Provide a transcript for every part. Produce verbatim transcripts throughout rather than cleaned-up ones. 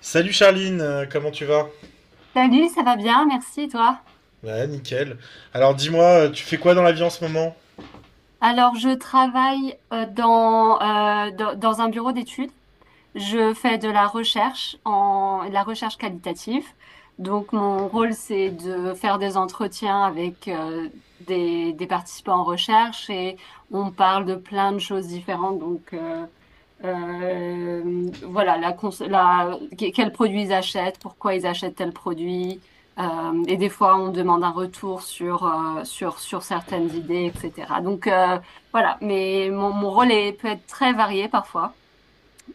Salut Charline, euh, comment tu vas? Salut, ça va bien, merci, et toi? Ouais, nickel. Alors dis-moi, euh, tu fais quoi dans la vie en ce moment? Alors, je travaille euh, dans, euh, dans, dans un bureau d'études. Je fais de la recherche en de la recherche qualitative. Donc, mon rôle, c'est de faire des entretiens avec euh, des, des participants en recherche et on parle de plein de choses différentes. Donc, euh, Euh, voilà, la cons- la- que- quels produits ils achètent, pourquoi ils achètent tel produit. Euh, et des fois, on demande un retour sur, euh, sur, sur certaines idées, et cetera. Donc, euh, voilà, mais mon, mon rôle est, peut être très varié parfois.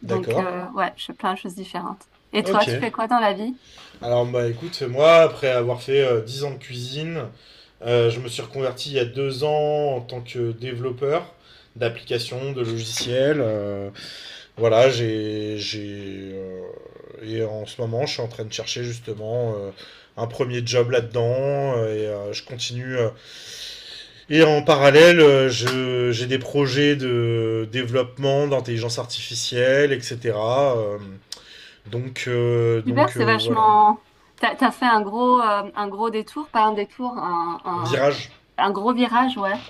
Donc, D'accord. euh, ouais, je fais plein de choses différentes. Et toi, Ok. tu fais quoi dans la vie? Alors bah écoute, moi, après avoir fait euh, 10 ans de cuisine, euh, je me suis reconverti il y a deux ans en tant que développeur d'applications, de logiciels. euh, voilà, j'ai, j'ai, euh, et en ce moment, je suis en train de chercher justement euh, un premier job là-dedans euh, et euh, je continue. euh, Et en parallèle, euh, je- j'ai des projets de développement d'intelligence artificielle, et cetera euh, donc, euh, Super, donc c'est euh, voilà. vachement. T'as, t'as fait un gros, euh, un gros détour, pas un détour, un, un, Virage. un gros virage, ouais.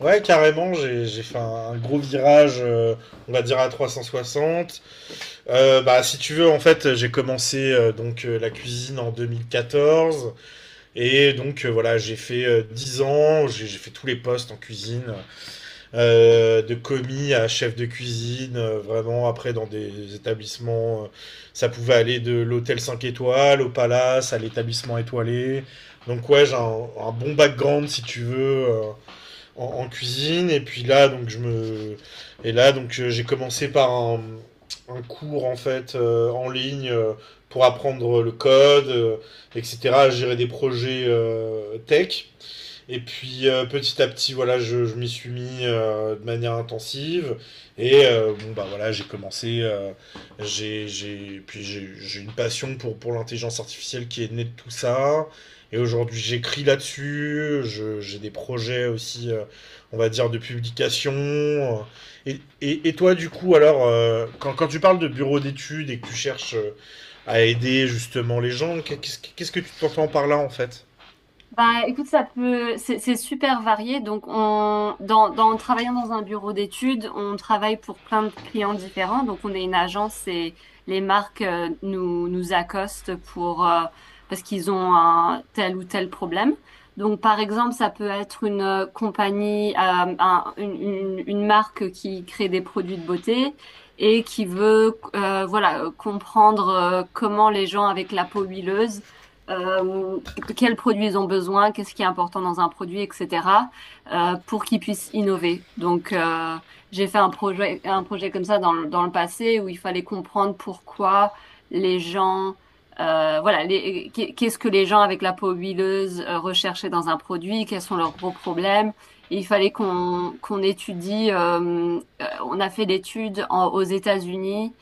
Ouais, carrément, j'ai j'ai fait un, un gros virage, euh, on va dire à trois cent soixante. Euh, bah, si tu veux, en fait, j'ai commencé euh, donc euh, la cuisine en deux mille quatorze. Et donc, euh, voilà, j'ai fait euh, 10 ans, j'ai j'ai fait tous les postes en cuisine. euh, de commis à chef de cuisine, euh, vraiment après dans des établissements, euh, ça pouvait aller de l'hôtel cinq étoiles au palace, à l'établissement étoilé. Donc ouais, j'ai un, un bon background si tu veux euh, en, en cuisine. Et puis là, donc je me, et là donc euh, j'ai commencé par un, un cours en fait euh, en ligne euh, pour apprendre le code, euh, et cetera à gérer des projets euh, tech. Et puis euh, petit à petit, voilà, je, je m'y suis mis euh, de manière intensive. Et euh, bon, bah voilà, j'ai commencé. euh, j'ai, j'ai, puis j'ai, j'ai une passion pour, pour l'intelligence artificielle qui est née de tout ça. Et aujourd'hui, j'écris là-dessus. Je, j'ai des projets aussi, euh, on va dire, de publication. Et, et, et toi, du coup, alors, euh, quand, quand tu parles de bureau d'études et que tu cherches euh, à aider justement les gens, qu'est- qu'est-ce, qu'est-ce que tu t'entends par là en fait? Bah, écoute, ça peut, c'est c'est super varié. Donc, on, dans, dans, en travaillant dans un bureau d'études, on travaille pour plein de clients différents. Donc, on est une agence et les marques euh, nous, nous accostent pour, euh, parce qu'ils ont un tel ou tel problème. Donc, par exemple, ça peut être une euh, compagnie, euh, un- une, une, une marque qui crée des produits de beauté et qui veut, euh, voilà, comprendre euh, comment les gens avec la peau huileuse euh, de quels produits ils ont besoin, qu'est-ce qui est important dans un produit, et cetera, euh, pour qu'ils puissent innover. Donc, euh, j'ai fait un projet, un projet comme ça dans le, dans le passé où il fallait comprendre pourquoi les gens, euh, voilà, les- qu'est- qu'est-ce que les gens avec la peau huileuse euh, recherchaient dans un produit, quels sont leurs gros problèmes. Et il fallait qu'on qu'on étudie, euh, euh, on a fait l'étude en- aux États-Unis,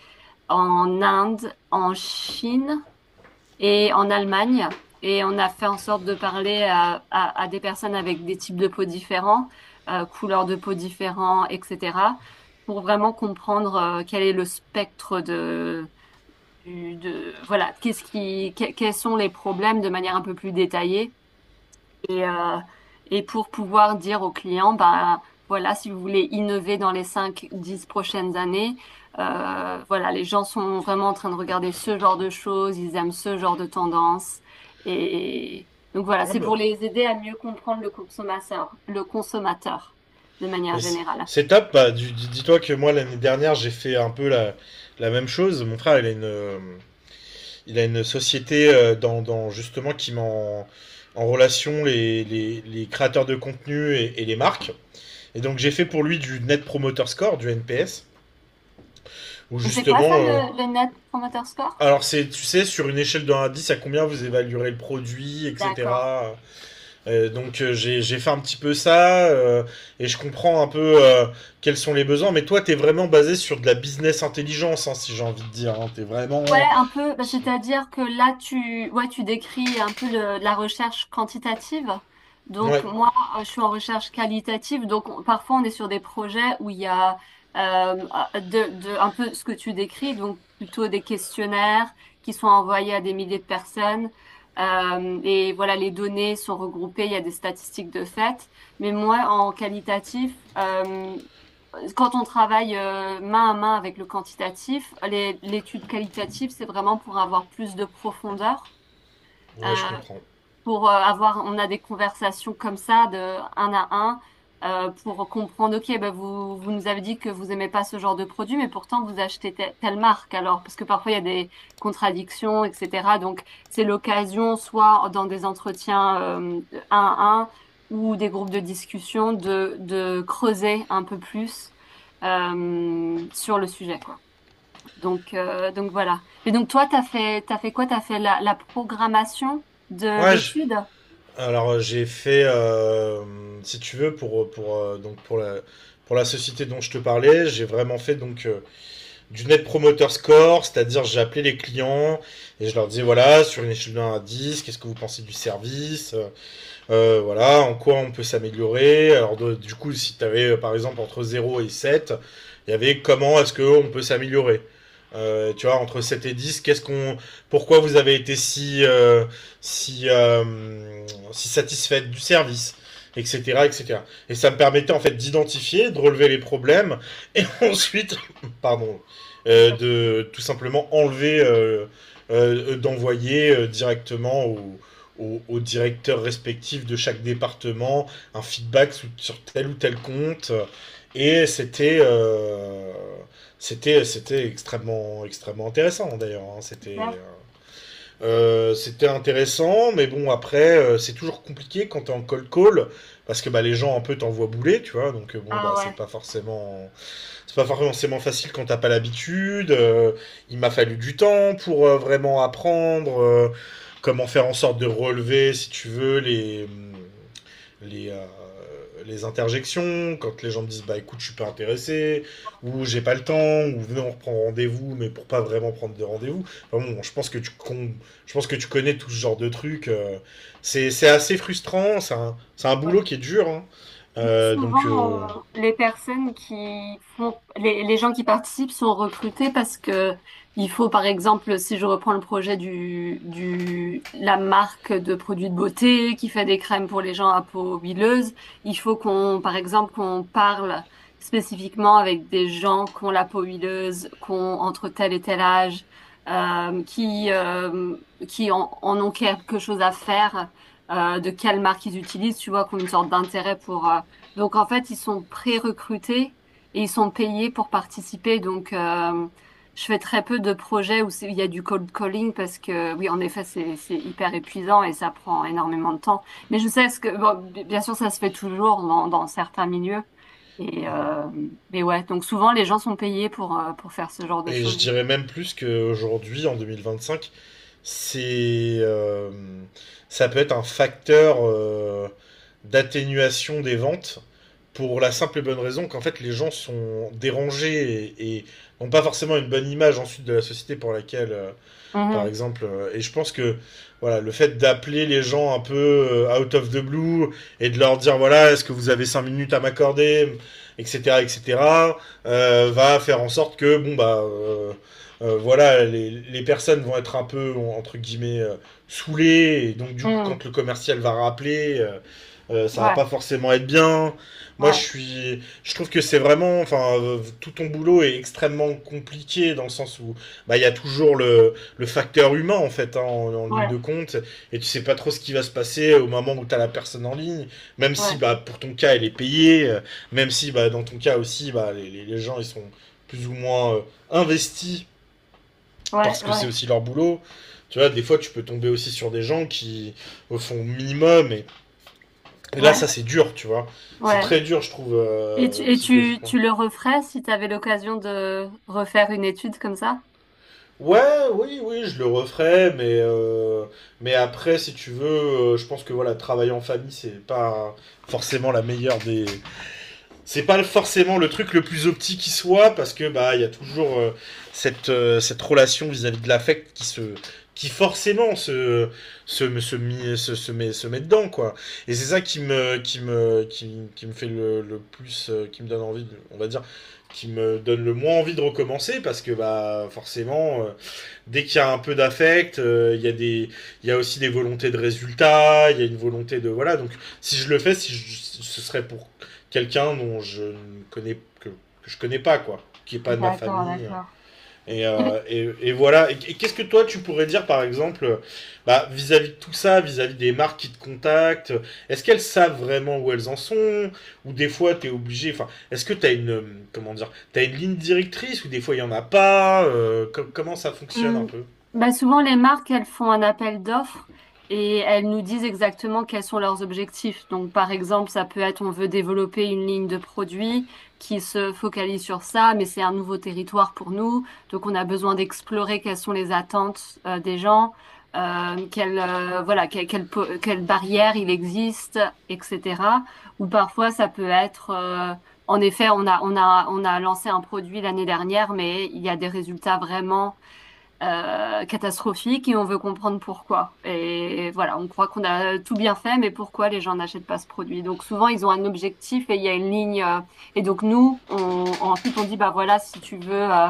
en Inde, en Chine et en Allemagne. Et on a fait en sorte de parler à, à- à des personnes avec des types de peau différents, euh, couleurs de peau différents, et cetera, pour vraiment comprendre euh, quel est le spectre de, du- de voilà, qu'est-ce qui, que- quels sont les problèmes de manière un peu plus détaillée et, euh, et pour pouvoir dire aux clients, bah, voilà, si vous voulez innover dans les cinq dix prochaines années, euh, voilà, les gens sont vraiment en train de regarder ce genre de choses, ils aiment ce genre de tendance. Et donc voilà, Ah c'est bah, pour les aider à mieux comprendre le consommateur, le consommateur de manière mais c- générale. c'est top. bah, du- dis- Dis-toi que moi, l'année dernière, j'ai fait un peu la, la même chose. Mon frère, il a une, euh, il a une société euh, dans, dans- justement qui met en, en relation les, les- les créateurs de contenu et, et les marques. Et donc, j'ai fait pour lui du Net Promoter Score, du N P S, où Et c'est quoi ça, justement. euh, le, le Net Promoter Score? Alors, c'est, tu sais, sur une échelle de un à dix, à combien vous évaluerez le produit, D'accord. et cetera. Euh, donc euh, j'ai j'ai fait un petit peu ça euh, et je comprends un peu euh, quels sont les besoins. Mais toi, t'es vraiment basé sur de la business intelligence, hein, si j'ai envie de dire. Hein. T'es vraiment. Ouais, un peu, bah, c'est-à-dire que là, tu, ouais, tu décris un peu le, la recherche quantitative. Donc, Ouais, moi, euh, je suis en recherche qualitative. Donc, on- parfois, on est sur des projets où il y a euh, ah, de, de, un peu ce que tu décris, donc plutôt des questionnaires qui sont envoyés à des milliers de personnes. Euh, et voilà, les données sont regroupées, il y a des statistiques de fait. Mais moi, en qualitatif, euh, quand on travaille euh, main à main avec le quantitatif, les- l'étude qualitative, c'est vraiment pour avoir plus de profondeur. Euh, ouais, je comprends. pour euh, avoir, on a des conversations comme ça de un à un euh, pour comprendre, ok, bah vous, vous nous avez dit que vous aimez pas ce genre de produit, mais pourtant vous achetez te- telle marque alors, parce que parfois il y a des contradictions, et cetera. Donc c'est l'occasion, soit dans des entretiens euh, un à un ou des groupes de discussion, de, de creuser un peu plus euh, sur le sujet, quoi. Donc, euh, donc voilà. Et donc toi, t'as fait, t'as fait quoi? T'as fait la, la programmation de Ouais, je- l'étude? alors euh, j'ai fait, euh, si tu veux, pour pour euh, donc pour la pour la société dont je te parlais, j'ai vraiment fait donc euh, du net promoter score, c'est-à-dire j'ai appelé les clients et je leur disais voilà sur une échelle de un à dix, qu'est-ce que vous pensez du service? euh, Euh, voilà, en quoi on peut s'améliorer. Alors de- du coup, si tu avais par exemple entre zéro et sept il y avait comment est-ce qu'on peut s'améliorer. Euh, tu vois, entre sept et dix qu'est-ce qu'on, pourquoi vous avez été si, euh, si, euh, si satisfaite du service, et cetera, et cetera. Et cetera. Et ça me permettait en fait d'identifier, de relever les problèmes, et ensuite, pardon, euh, Pas de souci, de tout simplement enlever, euh, euh, d'envoyer euh, directement au, aux, aux directeurs respectifs de chaque département un feedback sur, sur tel ou tel compte. Et c'était euh, c'était c'était extrêmement extrêmement intéressant d'ailleurs. Hein. super. C'était euh, c'était intéressant, mais bon après euh, c'est toujours compliqué quand t'es en cold call parce que bah les gens un peu t'envoient bouler, tu vois. Donc euh, bon Ah bah ouais. c'est pas forcément c'est pas forcément facile quand t'as pas l'habitude. Euh, il m'a fallu du temps pour euh, vraiment apprendre euh, comment faire en sorte de relever, si tu veux, les, mm, les, euh, les interjections. Quand les gens me disent bah écoute, je suis pas intéressé, ou j'ai pas le temps, ou venez, on reprend rendez-vous, mais pour pas vraiment prendre de rendez-vous. Enfin bon, je pense que tu con- je pense que tu connais tout ce genre de trucs. euh, c'est c'est assez frustrant. C'est un, c'est un boulot qui est dur. Hein. Moi, Euh, souvent, donc euh, on- les personnes qui font, les, les gens qui participent sont recrutés parce que il faut, par exemple, si je reprends le projet du, du, la marque de produits de beauté qui fait des crèmes pour les gens à peau huileuse, il faut qu'on, par exemple, qu'on parle spécifiquement avec des gens qui ont la peau huileuse, qui ont entre tel et tel âge, euh, qui, euh, qui en, en ont quelque chose à faire, euh, de quelle marque ils utilisent, tu vois, qui ont une sorte d'intérêt pour, euh, donc en fait, ils sont pré-recrutés et ils sont payés pour participer. Donc euh, je fais très peu de projets où c'est- il y a du cold calling parce que oui, en effet, c'est c'est hyper épuisant et ça prend énormément de temps. Mais je sais ce que bon, bi- bien sûr, ça se fait toujours dans, dans certains milieux. Et euh, mais ouais, donc souvent les gens sont payés pour euh, pour faire ce genre de Et je choses. dirais même plus qu'aujourd'hui, en deux mille vingt-cinq, c'est, euh, ça peut être un facteur euh, d'atténuation des ventes pour la simple et bonne raison qu'en fait les gens sont dérangés et, et n'ont pas forcément une bonne image ensuite de la société pour laquelle euh, par Mhm. exemple. euh, Et je pense que voilà, le fait d'appeler les gens un peu euh, out of the blue et de leur dire voilà, est-ce que vous avez cinq minutes à m'accorder, et cetera, et cetera, euh, va faire en sorte que bon bah euh, euh, voilà, les, les personnes vont être un peu entre guillemets euh, saoulées et donc du coup Mhm. quand le commercial va rappeler. Euh, euh, ça va Ouais, pas forcément être bien. Moi, je ouais, suis, je trouve que c'est vraiment, enfin, euh, tout ton boulot est extrêmement compliqué dans le sens où, bah, il y a toujours le, le facteur humain en fait hein, en, en ligne ouais, de compte et tu sais pas trop ce qui va se passer au moment où t'as la personne en ligne, même si ouais, bah pour ton cas elle est payée euh, même si bah dans ton cas aussi bah les, les les gens ils sont plus ou moins euh, investis ouais, parce que c'est ouais, aussi leur boulot. Tu vois, des fois tu peux tomber aussi sur des gens qui euh, font minimum et, et là ouais, ça c'est dur. Tu vois, c'est ouais. très dur je trouve Et tu, euh, et tu, psychologiquement. Tu le referais si tu avais l'occasion de refaire une étude comme ça? Ouais, oui, oui, je le referais, mais, euh, mais après, si tu veux, euh, je pense que voilà, travailler en famille, c'est pas forcément la meilleure des. C'est pas forcément le truc le plus optique qui soit, parce que bah, il y a toujours euh, cette, euh, cette relation vis-à-vis de l'affect qui se qui forcément se se se, mi- se, se met se met dedans quoi et c'est ça qui me qui me qui, qui me fait le, le plus euh, qui me donne envie de, on va dire qui me donne le moins envie de recommencer parce que bah forcément euh, dès qu'il y a un peu d'affect, euh, il y a des, il y a aussi des volontés de résultats, il y a une volonté de voilà. Donc si je le fais, si je- ce serait pour quelqu'un dont je ne connais que, que je connais pas quoi, qui est pas de ma D'accord, famille. d'accord. Et, Et, euh, et, et voilà. Et, et qu'est-ce que toi tu pourrais dire par exemple, bah vis-à-vis de tout ça, vis-à-vis des marques qui te contactent, est-ce qu'elles savent vraiment où elles en sont ou des fois t'es obligé. Enfin, est-ce que t'as une euh, comment dire, t'as une ligne directrice ou des fois il y en a pas. euh, co- comment ça fonctionne un Hmm. peu? Bah, souvent, les marques, elles font un appel d'offres et elles nous disent exactement quels sont leurs objectifs. Donc, par exemple, ça peut être on veut développer une ligne de produits qui se focalise sur ça, mais c'est un nouveau territoire pour nous. Donc, on a besoin d'explorer quelles sont les attentes euh, des gens, euh, quelles, euh, voilà, que- quelles, po- quelles barrières il existe, et cetera. Ou parfois, ça peut être euh, en effet, on a, on a, on a lancé un produit l'année dernière, mais il y a des résultats vraiment euh, catastrophique et on veut comprendre pourquoi. Et voilà, on croit qu'on a tout bien fait, mais pourquoi les gens n'achètent pas ce produit? Donc souvent, ils ont un objectif et il y a une ligne. Euh, et donc nous, on, ensuite, on dit, bah voilà, si tu veux, euh,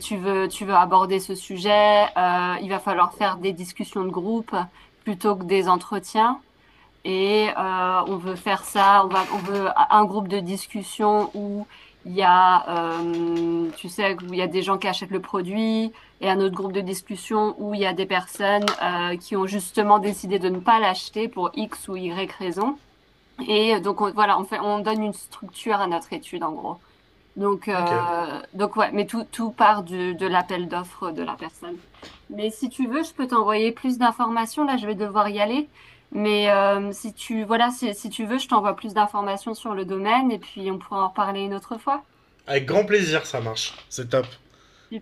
tu veux, tu veux aborder ce sujet, euh, il va falloir faire des discussions de groupe plutôt que des entretiens et euh, on veut faire ça, on va, on veut un groupe de discussion où il y a, euh, tu sais, où il y a des gens qui achètent le produit et un autre groupe de discussion où il y a des personnes euh, qui ont justement décidé de ne pas l'acheter pour X ou Y raison. Et donc on- voilà, on fait, on donne une structure à notre étude en gros. Donc, Ok. euh, donc ouais, mais tout, tout part du, de l'appel d'offres de la personne. Mais si tu veux, je peux t'envoyer plus d'informations. Là, je vais devoir y aller. Mais euh, si tu, voilà, si, si tu veux, je t'envoie plus d'informations sur le domaine et puis on pourra en reparler une autre fois. Avec grand plaisir, ça marche. C'est top.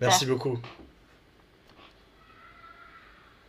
Merci beaucoup.